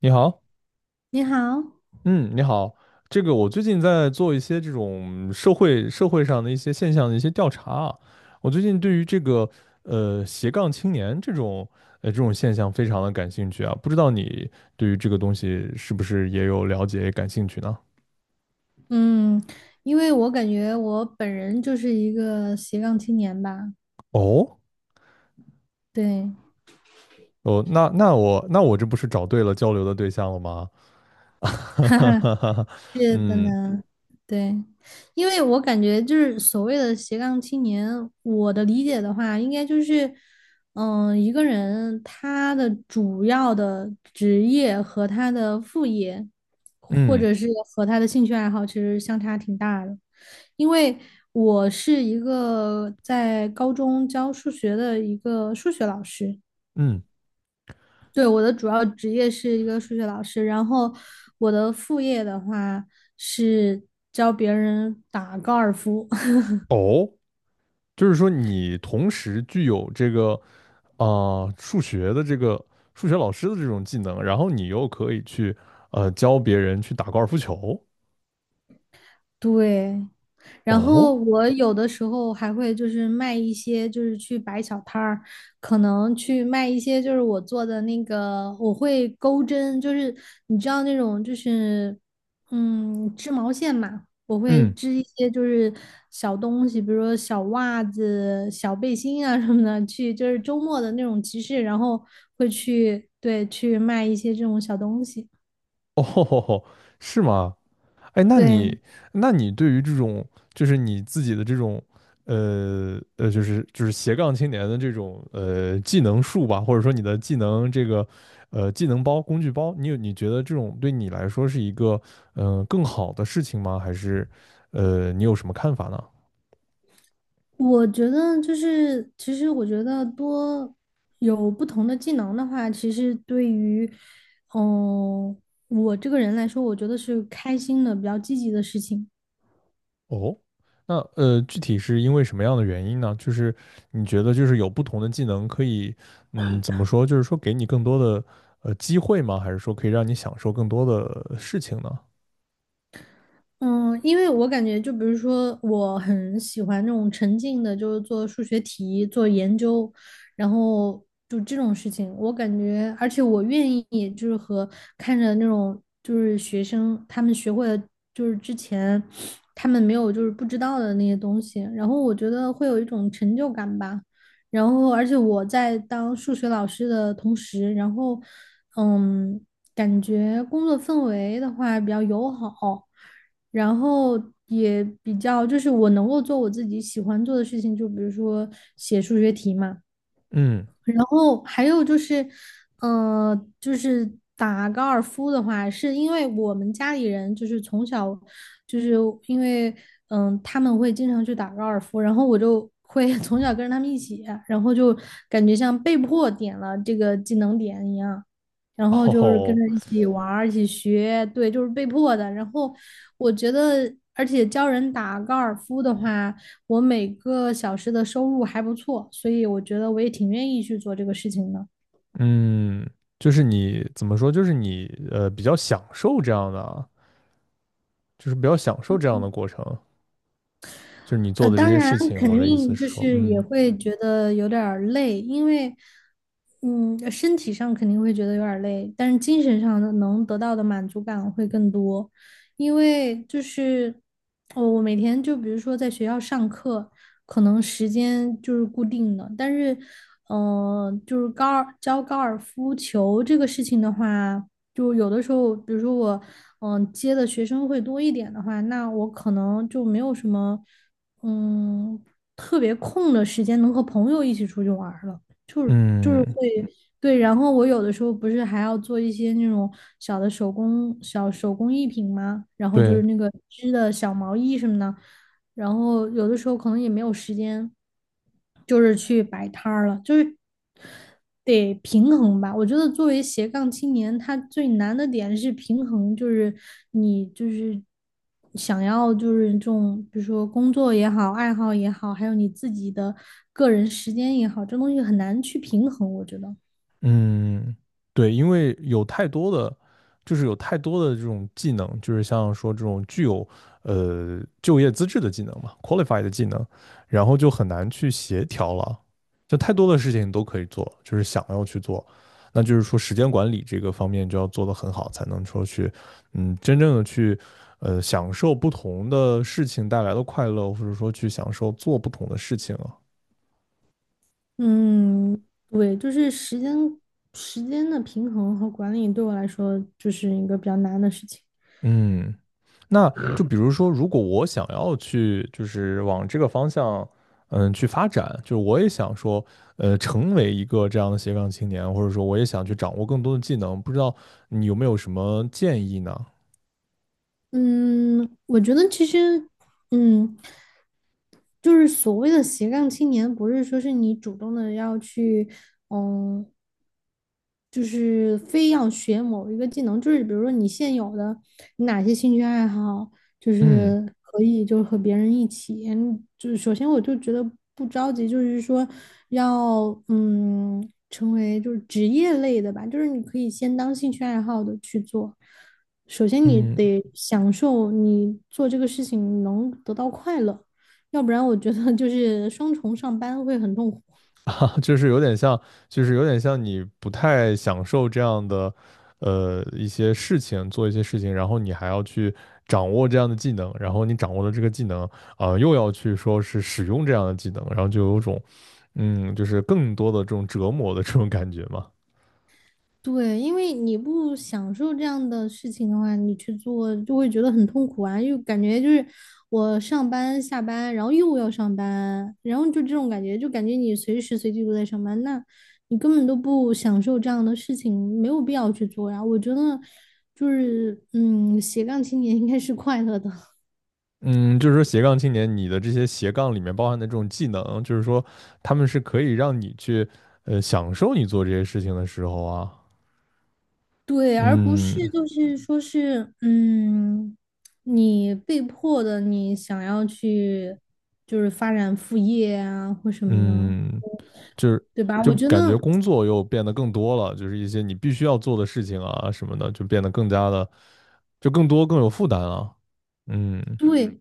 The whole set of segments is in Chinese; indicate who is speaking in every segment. Speaker 1: 你好。
Speaker 2: 你好。
Speaker 1: 嗯，你好。这个我最近在做一些这种社会上的一些现象的一些调查啊。我最近对于这个斜杠青年这种现象非常的感兴趣啊。不知道你对于这个东西是不是也有了解感兴趣呢？
Speaker 2: 嗯，因为我感觉我本人就是一个斜杠青年吧。
Speaker 1: 哦。
Speaker 2: 对。
Speaker 1: 哦，那我这不是找对了交流的对象了吗？哈哈哈 哈。
Speaker 2: 是的
Speaker 1: 嗯
Speaker 2: 呢。对，因为我感觉就是所谓的斜杠青年，我的理解的话，应该就是，一个人他的主要的职业和他的副业，或
Speaker 1: 嗯
Speaker 2: 者是和他的兴趣爱好，其实相差挺大的。因为我是一个在高中教数学的一个数学老师。
Speaker 1: 嗯。
Speaker 2: 对，我的主要职业是一个数学老师，然后我的副业的话是教别人打高尔夫。
Speaker 1: 哦。就是说你同时具有这个数学的这个数学老师的这种技能，然后你又可以去教别人去打高尔夫球。
Speaker 2: 对，然
Speaker 1: 哦。
Speaker 2: 后我有的时候还会就是卖一些，就是去摆小摊儿，可能去卖一些就是我做的那个，我会钩针，就是你知道那种就是织毛线嘛，我会
Speaker 1: 嗯。
Speaker 2: 织一些就是小东西，比如说小袜子、小背心啊什么的，去就是周末的那种集市，然后会去对去卖一些这种小东西。
Speaker 1: 哦吼吼。是吗？哎，
Speaker 2: 对。
Speaker 1: 那你对于这种，就是你自己的这种，就是斜杠青年的这种技能树吧，或者说你的技能这个技能包、工具包，你觉得这种对你来说是一个更好的事情吗？还是你有什么看法呢？
Speaker 2: 我觉得就是，其实我觉得多有不同的技能的话，其实对于，嗯、我这个人来说，我觉得是开心的、比较积极的事情。
Speaker 1: 哦。具体是因为什么样的原因呢？就是你觉得就是有不同的技能可以，怎么说？就是说给你更多的机会吗？还是说可以让你享受更多的事情呢？
Speaker 2: 嗯，因为我感觉，就比如说，我很喜欢那种沉浸的，就是做数学题、做研究，然后就这种事情，我感觉，而且我愿意，就是和看着那种就是学生他们学会了，就是之前他们没有就是不知道的那些东西，然后我觉得会有一种成就感吧。然后，而且我在当数学老师的同时，然后，嗯，感觉工作氛围的话比较友好。然后也比较就是我能够做我自己喜欢做的事情，就比如说写数学题嘛。
Speaker 1: 嗯。
Speaker 2: 然后还有就是，就是打高尔夫的话，是因为我们家里人就是从小，就是因为他们会经常去打高尔夫，然后我就会 从小跟着他们一起，然后就感觉像被迫点了这个技能点一样，然后就是跟
Speaker 1: 哦。
Speaker 2: 着一起玩儿，一起学，对，就是被迫的。然后我觉得，而且教人打高尔夫的话。我每个小时的收入还不错，所以我觉得我也挺愿意去做这个事情的。
Speaker 1: 嗯，就是你怎么说？就是你比较享受这样的啊，就是比较享受这样的过程，就是你做的这
Speaker 2: 当
Speaker 1: 些
Speaker 2: 然
Speaker 1: 事情。
Speaker 2: 肯
Speaker 1: 我的意思
Speaker 2: 定
Speaker 1: 是
Speaker 2: 就
Speaker 1: 说。
Speaker 2: 是也
Speaker 1: 嗯
Speaker 2: 会觉得有点儿累，因为，嗯，身体上肯定会觉得有点儿累，但是精神上的能得到的满足感会更多，因为就是，我每天就比如说在学校上课，可能时间就是固定的，但是，就是高尔夫球这个事情的话，就有的时候，比如说我，接的学生会多一点的话，那我可能就没有什么。嗯，特别空的时间能和朋友一起出去玩儿了，就是会，
Speaker 1: 嗯，
Speaker 2: 对，然后我有的时候不是还要做一些那种小手工艺品吗？然后就
Speaker 1: 对。
Speaker 2: 是那个织的小毛衣什么的，然后有的时候可能也没有时间，就是去摆摊儿了，就是得平衡吧。我觉得作为斜杠青年，他最难的点是平衡，就是你就是想要就是这种，比如说工作也好，爱好也好，还有你自己的个人时间也好，这东西很难去平衡，我觉得。
Speaker 1: 嗯，对，因为有太多的，就是有太多的这种技能，就是像说这种具有就业资质的技能嘛，qualified 的技能，然后就很难去协调了，就太多的事情你都可以做，就是想要去做，那就是说时间管理这个方面就要做得很好，才能说去真正的去享受不同的事情带来的快乐，或者说去享受做不同的事情啊。
Speaker 2: 嗯，对，就是时间的平衡和管理对我来说就是一个比较难的事情。
Speaker 1: 嗯那就比如说，如果我想要去，就是往这个方向，去发展，就是我也想说，成为一个这样的斜杠青年，或者说我也想去掌握更多的技能，不知道你有没有什么建议呢？
Speaker 2: 嗯，我觉得其实，嗯，就是所谓的斜杠青年，不是说是你主动的要去，嗯，就是非要学某一个技能，就是比如说你现有的，你哪些兴趣爱好，就
Speaker 1: 嗯
Speaker 2: 是可以就是和别人一起，就是首先我就觉得不着急，就是说要成为就是职业类的吧，就是你可以先当兴趣爱好的去做。首先你
Speaker 1: 嗯。
Speaker 2: 得享受你做这个事情能得到快乐，要不然我觉得就是双重上班会很痛苦。
Speaker 1: 就是有点像，就是有点像你不太享受这样的，一些事情，做一些事情，然后你还要去掌握这样的技能，然后你掌握了这个技能，又要去说是使用这样的技能，然后就有种，就是更多的这种折磨的这种感觉嘛。
Speaker 2: 对，因为你不享受这样的事情的话，你去做就会觉得很痛苦啊，又感觉就是我上班下班，然后又要上班，然后就这种感觉，就感觉你随时随地都在上班，那你根本都不享受这样的事情，没有必要去做呀。我觉得就是，嗯，斜杠青年应该是快乐的。
Speaker 1: 嗯。就是说斜杠青年，你的这些斜杠里面包含的这种技能，就是说他们是可以让你去，享受你做这些事情的时候啊。
Speaker 2: 对，而不是
Speaker 1: 嗯
Speaker 2: 就是说是，你被迫的，你想要去就是发展副业啊或什么的，
Speaker 1: 嗯。就是
Speaker 2: 对吧？
Speaker 1: 就
Speaker 2: 我觉
Speaker 1: 感觉
Speaker 2: 得
Speaker 1: 工作又变得更多了，就是一些你必须要做的事情啊什么的，就变得更加的就更多更有负担了。嗯
Speaker 2: 对，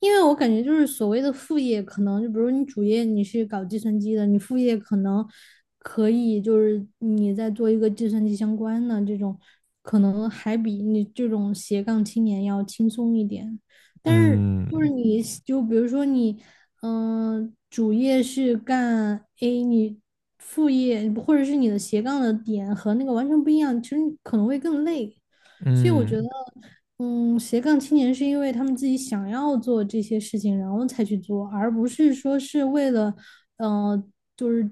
Speaker 2: 因为我感觉就是所谓的副业，可能就比如你主业你是搞计算机的，你副业可能可以就是你在做一个计算机相关的这种，可能还比你这种斜杠青年要轻松一点。但是就是
Speaker 1: 嗯
Speaker 2: 你就比如说你，主业是干 A，你副业或者是你的斜杠的点和那个完全不一样，其实你可能会更累。所以我觉得。
Speaker 1: 嗯
Speaker 2: 嗯，斜杠青年是因为他们自己想要做这些事情，然后才去做，而不是说是为了，呃，就是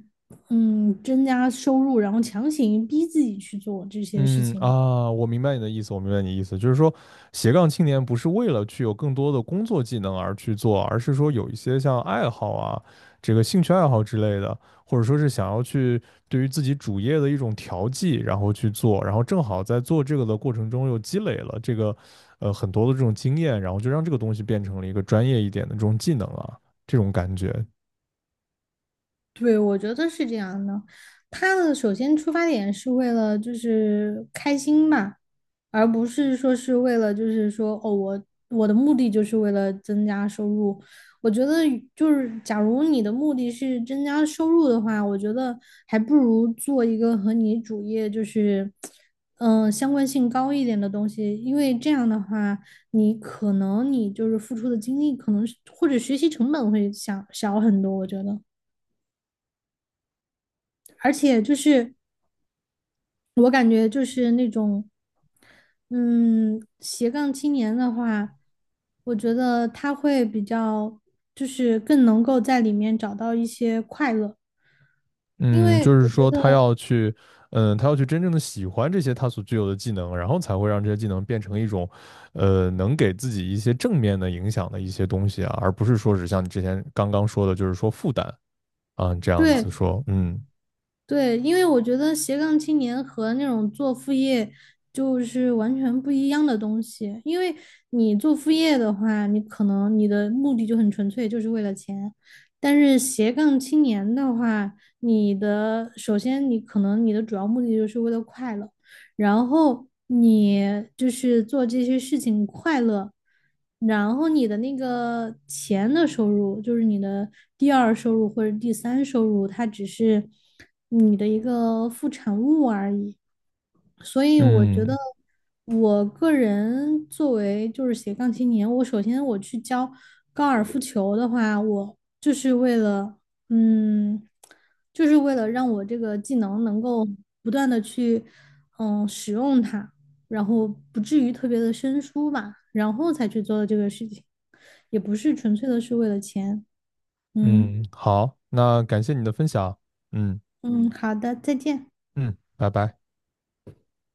Speaker 2: 增加收入，然后强行逼自己去做这些事
Speaker 1: 嗯
Speaker 2: 情。
Speaker 1: 啊，我明白你的意思，我明白你的意思，就是说，斜杠青年不是为了去有更多的工作技能而去做，而是说有一些像爱好啊，这个兴趣爱好之类的，或者说是想要去对于自己主业的一种调剂，然后去做，然后正好在做这个的过程中又积累了这个很多的这种经验，然后就让这个东西变成了一个专业一点的这种技能啊，这种感觉。
Speaker 2: 对，我觉得是这样的。他的首先出发点是为了就是开心嘛。而不是说是为了就是说哦，我的目的就是为了增加收入。我觉得就是假如你的目的是增加收入的话，我觉得还不如做一个和你主业就是相关性高一点的东西，因为这样的话，你可能你就是付出的精力可能或者学习成本会小很多，我觉得。而且就是我感觉就是那种，嗯，斜杠青年的话，我觉得他会比较，就是更能够在里面找到一些快乐，因
Speaker 1: 嗯，
Speaker 2: 为
Speaker 1: 就是
Speaker 2: 我觉
Speaker 1: 说
Speaker 2: 得，
Speaker 1: 他要去真正的喜欢这些他所具有的技能，然后才会让这些技能变成一种，能给自己一些正面的影响的一些东西啊，而不是说是像你之前刚刚说的，就是说负担啊，这样
Speaker 2: 对。
Speaker 1: 子说。嗯
Speaker 2: 对，因为我觉得斜杠青年和那种做副业就是完全不一样的东西。因为你做副业的话，你可能你的目的就很纯粹，就是为了钱。但是斜杠青年的话，你的首先你可能你的主要目的就是为了快乐。然后你就是做这些事情快乐，然后你的那个钱的收入，就是你的第二收入或者第三收入，它只是你的一个副产物而已。所以我觉得，
Speaker 1: 嗯
Speaker 2: 我个人作为就是斜杠青年，我首先我去教高尔夫球的话，我就是为了，嗯，就是为了让我这个技能能够不断的去，使用它，然后不至于特别的生疏吧，然后才去做的这个事情，也不是纯粹的是为了钱。嗯。
Speaker 1: 嗯。好，那感谢你的分享。嗯
Speaker 2: 嗯，好的，再见。
Speaker 1: 嗯。拜拜。